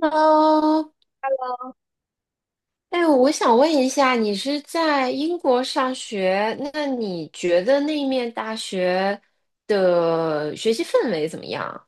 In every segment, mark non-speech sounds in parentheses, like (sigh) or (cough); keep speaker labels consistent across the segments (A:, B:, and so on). A: 喽，哎，我想问一下，你是在英国上学，那你觉得那面大学的学习氛围怎么样？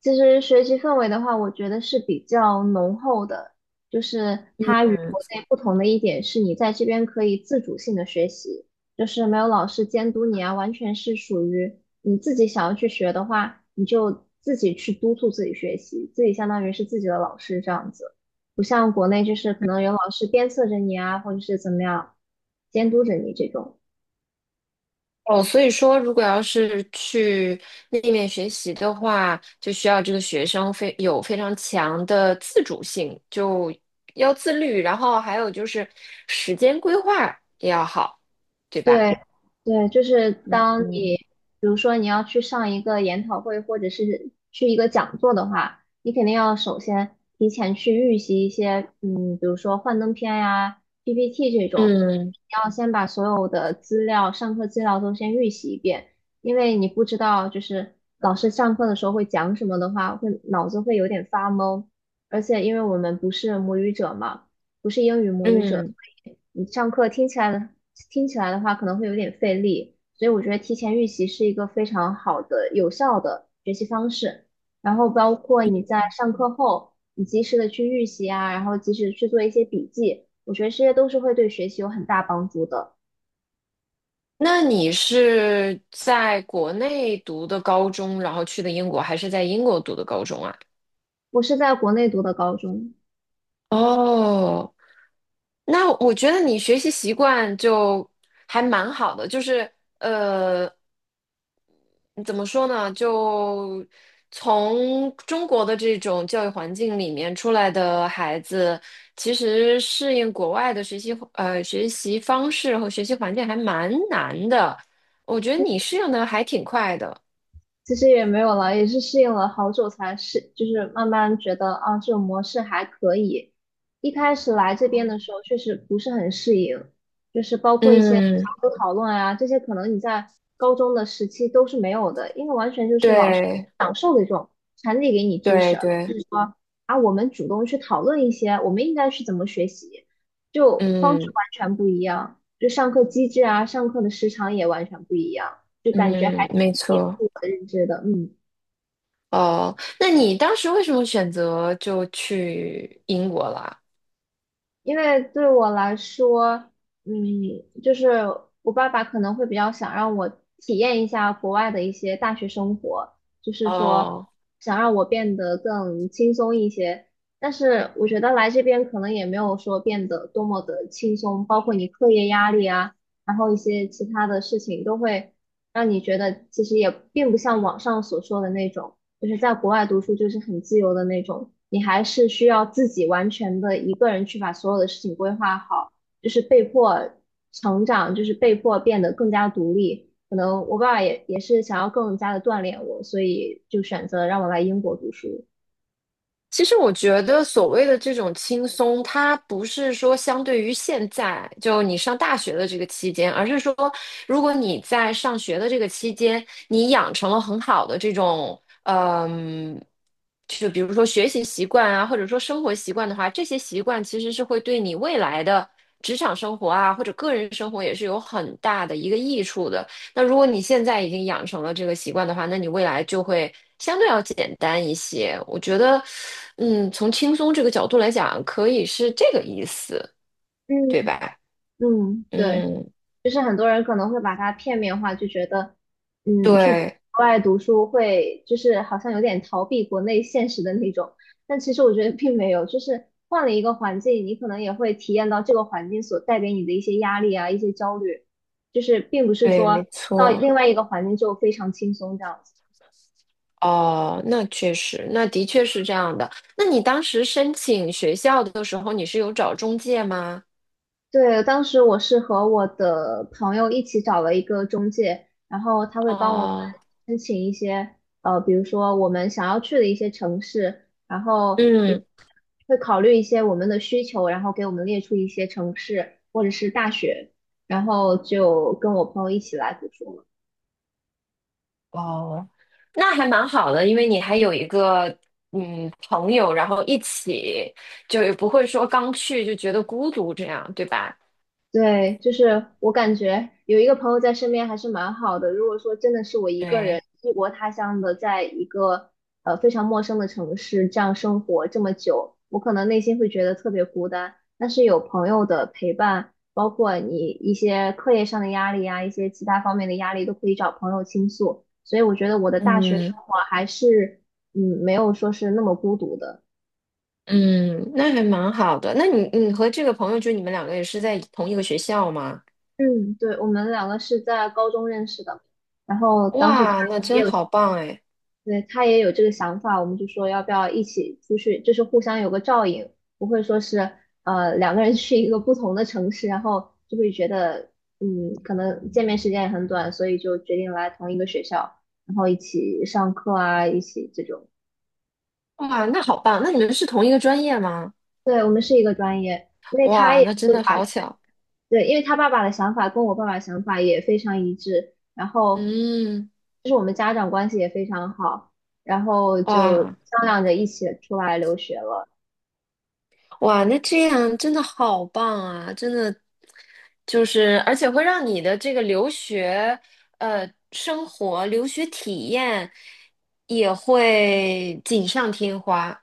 B: 其实学习氛围的话，我觉得是比较浓厚的，就是它与国内不同的一点是，你在这边可以自主性的学习，就是没有老师监督你啊，完全是属于你自己想要去学的话，你就自己去督促自己学习，自己相当于是自己的老师这样子，不像国内就是可能有老师鞭策着你啊，或者是怎么样监督着你这种。
A: 哦，所以说，如果要是去那面学习的话，就需要这个学生非有非常强的自主性，就要自律，然后还有就是时间规划也要好，对吧？
B: 对，对，就是
A: 嗯
B: 当你，
A: 嗯。
B: 比如说你要去上一个研讨会，或者是去一个讲座的话，你肯定要首先提前去预习一些，比如说幻灯片呀、PPT 这种，
A: 嗯
B: 你要先把所有的资料、上课资料都先预习一遍，因为你不知道就是老师上课的时候会讲什么的话，会脑子会有点发懵，而且因为我们不是母语者嘛，不是英语母语者。
A: 嗯。
B: 你上课听起来的话，可能会有点费力，所以我觉得提前预习是一个非常好的、有效的学习方式。然后包括你在上课后，你及时的去预习啊，然后及时去做一些笔记，我觉得这些都是会对学习有很大帮助的。
A: 那你是在国内读的高中，然后去的英国，还是在英国读的高中啊？
B: 我是在国内读的高中，
A: 哦，那我觉得你学习习惯就还蛮好的，就是呃，怎么说呢？就从中国的这种教育环境里面出来的孩子，其实适应国外的学习学习方式和学习环境还蛮难的。我觉得你适应的还挺快的。
B: 其实也没有了，也是适应了好久才适，就是慢慢觉得啊，这种模式还可以。一开始来这边的时候，确实不是很适应，就是包括一些
A: 嗯。
B: 小组讨论啊，这些可能你在高中的时期都是没有的，因为完全就是老师
A: 对
B: 讲授的这种传递给你知识，
A: 对
B: 就
A: 对，
B: 是说啊，我们主动去讨论一些我们应该去怎么学习，就方式
A: 嗯
B: 完全不一样，就上课机制啊，上课的时长也完全不一样。就感觉还
A: 嗯，没
B: 挺颠
A: 错。
B: 覆我的认知的，
A: 哦，那你当时为什么选择就去英国了？
B: 因为对我来说，嗯，就是我爸爸可能会比较想让我体验一下国外的一些大学生活，就是说
A: 哦，
B: 想让我变得更轻松一些。但是我觉得来这边可能也没有说变得多么的轻松，包括你课业压力啊，然后一些其他的事情都会让你觉得其实也并不像网上所说的那种。就是在国外读书就是很自由的那种，你还是需要自己完全的一个人去把所有的事情规划好，就是被迫成长，就是被迫变得更加独立。可能我爸爸也是想要更加的锻炼我，所以就选择让我来英国读书。
A: 其实我觉得所谓的这种轻松，它不是说相对于现在就你上大学的这个期间，而是说如果你在上学的这个期间，你养成了很好的这种，嗯，就比如说学习习惯啊，或者说生活习惯的话，这些习惯其实是会对你未来的职场生活啊，或者个人生活也是有很大的一个益处的。那如果你现在已经养成了这个习惯的话，那你未来就会相对要简单一些。我觉得，嗯，从轻松这个角度来讲，可以是这个意思，对
B: 嗯，
A: 吧？
B: 嗯，对。
A: 嗯，
B: 就是很多人可能会把它片面化，就觉得，嗯，去
A: 对
B: 国外读书会就是好像有点逃避国内现实的那种，但其实我觉得并没有，就是换了一个环境，你可能也会体验到这个环境所带给你的一些压力啊，一些焦虑，就是并不是
A: 对，
B: 说
A: 没
B: 到另
A: 错。
B: 外一个环境就非常轻松这样子。
A: 哦，那确实，那的确是这样的。那你当时申请学校的时候，你是有找中介吗？
B: 对，当时我是和我的朋友一起找了一个中介，然后他会帮我们
A: 哦，
B: 申请一些，比如说我们想要去的一些城市，然后就
A: 嗯。
B: 会考虑一些我们的需求，然后给我们列出一些城市或者是大学，然后就跟我朋友一起来读书。
A: 哦，那还蛮好的，因为你还有一个嗯朋友，然后一起，就也不会说刚去就觉得孤独这样，对吧？
B: 对，就是我感觉有一个朋友在身边还是蛮好的。如果说真的是我一个人
A: 对，
B: 异国他乡的，在一个非常陌生的城市这样生活这么久，我可能内心会觉得特别孤单。但是有朋友的陪伴，包括你一些课业上的压力啊，一些其他方面的压力，都可以找朋友倾诉。所以我觉得我的大学生
A: 嗯
B: 活还是没有说是那么孤独的。
A: 嗯，那还蛮好的。那你和这个朋友，就你们两个也是在同一个学校吗？
B: 嗯，对，我们两个是在高中认识的。然后当时他
A: 哇，那真好棒哎！
B: 对，他也有这个想法，我们就说要不要一起出去，就是互相有个照应，不会说是两个人去一个不同的城市，然后就会觉得可能见面时间也很短，所以就决定来同一个学校，然后一起上课啊，一起这种。
A: 哇，那好棒，那你们是同一个专业吗？
B: 对，我们是一个专业，因为他
A: 哇，
B: 也
A: 那真的好巧。
B: 对，因为他爸爸的想法跟我爸爸想法也非常一致，然后
A: 嗯，
B: 就是我们家长关系也非常好，然后就
A: 哇。
B: 商量着一起出来留学了。
A: 哇，那这样真的好棒啊！真的就是，而且会让你的这个留学生活、留学体验也会锦上添花。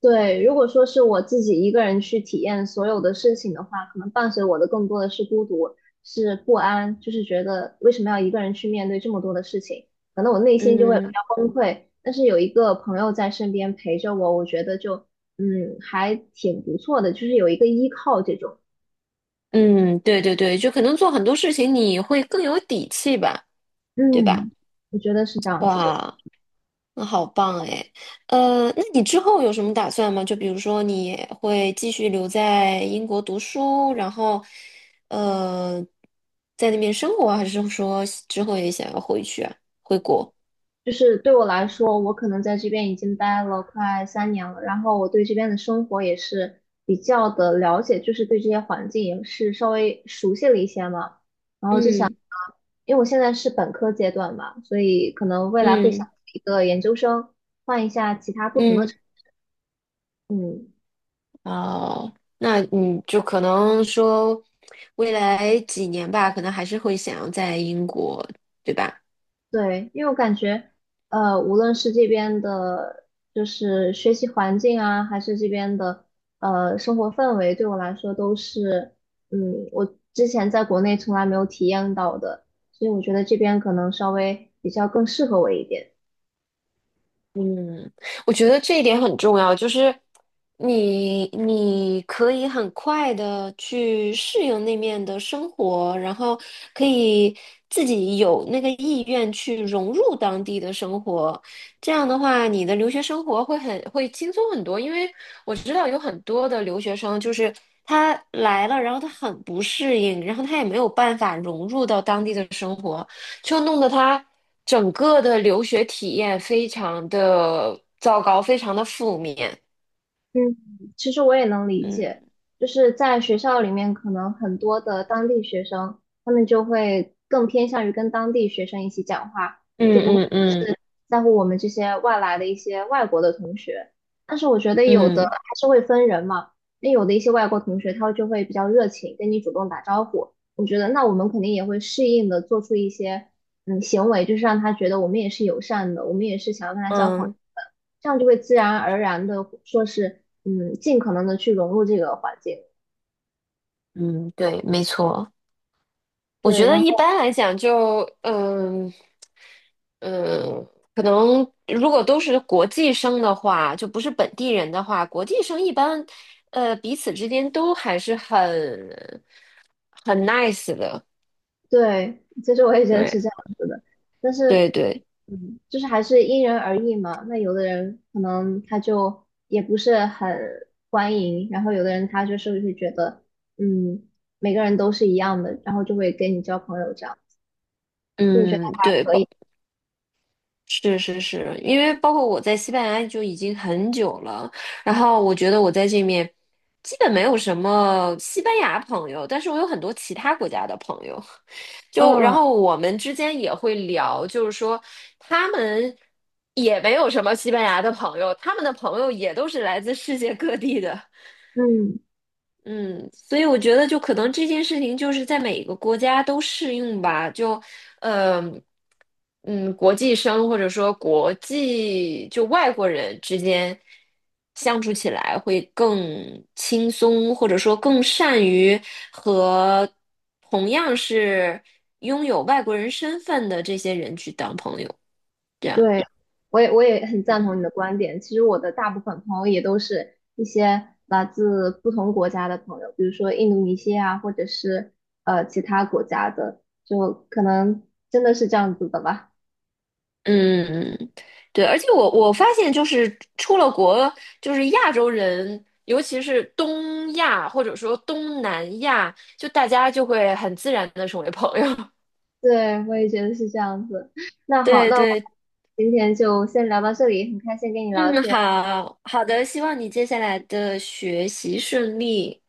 B: 对，如果说是我自己一个人去体验所有的事情的话，可能伴随我的更多的是孤独，是不安，就是觉得为什么要一个人去面对这么多的事情，可能我内心就会比
A: 嗯
B: 较崩溃。但是有一个朋友在身边陪着我，我觉得就还挺不错的，就是有一个依靠这种，
A: 嗯，对对对，就可能做很多事情你会更有底气吧，对吧？
B: 嗯，我觉得是这样子的。
A: 哇，那好棒哎！呃，那你之后有什么打算吗？就比如说你会继续留在英国读书，然后呃，在那边生活，还是说之后也想要回去啊？
B: 就是对我来说，我可能在这边已经待了快3年了，然后我对这边的生活也是比较的了解，就是对这些环境也是稍微熟悉了一些嘛。
A: 嗯
B: 因为我现在是本科阶段嘛，所以可能未来会想
A: 嗯
B: 一个研究生，换一下其他不同的
A: 嗯。
B: 城，嗯。
A: 哦，那你就可能说未来几年吧，可能还是会想要在英国，对吧？
B: 对，因为我感觉，无论是这边的，就是学习环境啊，还是这边的，生活氛围，对我来说都是，嗯，我之前在国内从来没有体验到的，所以我觉得这边可能稍微比较更适合我一点。
A: 嗯，我觉得这一点很重要，就是你可以很快的去适应那面的生活，然后可以自己有那个意愿去融入当地的生活。这样的话，你的留学生活会轻松很多，因为我知道有很多的留学生就是他来了，然后他很不适应，然后他也没有办法融入到当地的生活。就弄得他整个的留学体验非常的糟糕，非常的负面。
B: 嗯，其实我也能理解，
A: 嗯
B: 就是在学校里面，可能很多的当地学生，他们就会更偏向于跟当地学生一起讲话。就
A: 嗯
B: 不会。
A: 嗯嗯
B: 在乎我们这些外来的一些外国的同学。但是我觉得有的
A: 嗯
B: 还是会分人嘛，那有的一些外国同学他就会比较热情，跟你主动打招呼。我觉得那我们肯定也会适应的做出一些行为，就是让他觉得我们也是友善的，我们也是想要跟他交朋友，
A: 嗯
B: 这样就会自然而然的说是尽可能的去融入这个环境。
A: 嗯，对，没错。我觉
B: 对，
A: 得
B: 然
A: 一
B: 后。
A: 般来讲就，嗯嗯，可能如果都是国际生的话，就不是本地人的话，国际生一般，彼此之间都还是很 nice 的。
B: 对，其实我也觉得是
A: 对
B: 这样子的，但是，
A: 对对，
B: 嗯，就是还是因人而异嘛。那有的人可能他就也不是很欢迎，然后有的人他就是会觉得，嗯，每个人都是一样的，然后就会跟你交朋友这样，就我觉得
A: 嗯对，
B: 可以。
A: 包是是是，因为包括我在西班牙就已经很久了，然后我觉得我在这面基本没有什么西班牙朋友，但是我有很多其他国家的朋友，就然
B: 嗯
A: 后我们之间也会聊，就是说他们也没有什么西班牙的朋友，他们的朋友也都是来自世界各地的。
B: 嗯，
A: 嗯，所以我觉得，就可能这件事情就是在每个国家都适用吧。就，呃，嗯，国际生或者说国际就外国人之间相处起来会更轻松，或者说更善于和同样是拥有外国人身份的这些人去当朋友。这样，
B: 对，我也很赞
A: 嗯
B: 同你的观点。其实我的大部分朋友也都是一些来自不同国家的朋友，比如说印度尼西亚或者是其他国家的，就可能真的是这样子的吧。
A: 嗯，对，而且我发现就是出了国，就是亚洲人，尤其是东亚或者说东南亚，就大家就会很自然的成为朋友。
B: 对，我也觉得是这样子。那
A: (laughs)
B: 好，
A: 对
B: 那我
A: 对，
B: 今天就先聊到这里，很开心跟你聊
A: 嗯，
B: 天。
A: 好好的，希望你接下来的学习顺利。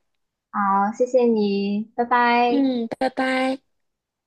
B: 好，谢谢你，拜拜。
A: 嗯，拜拜。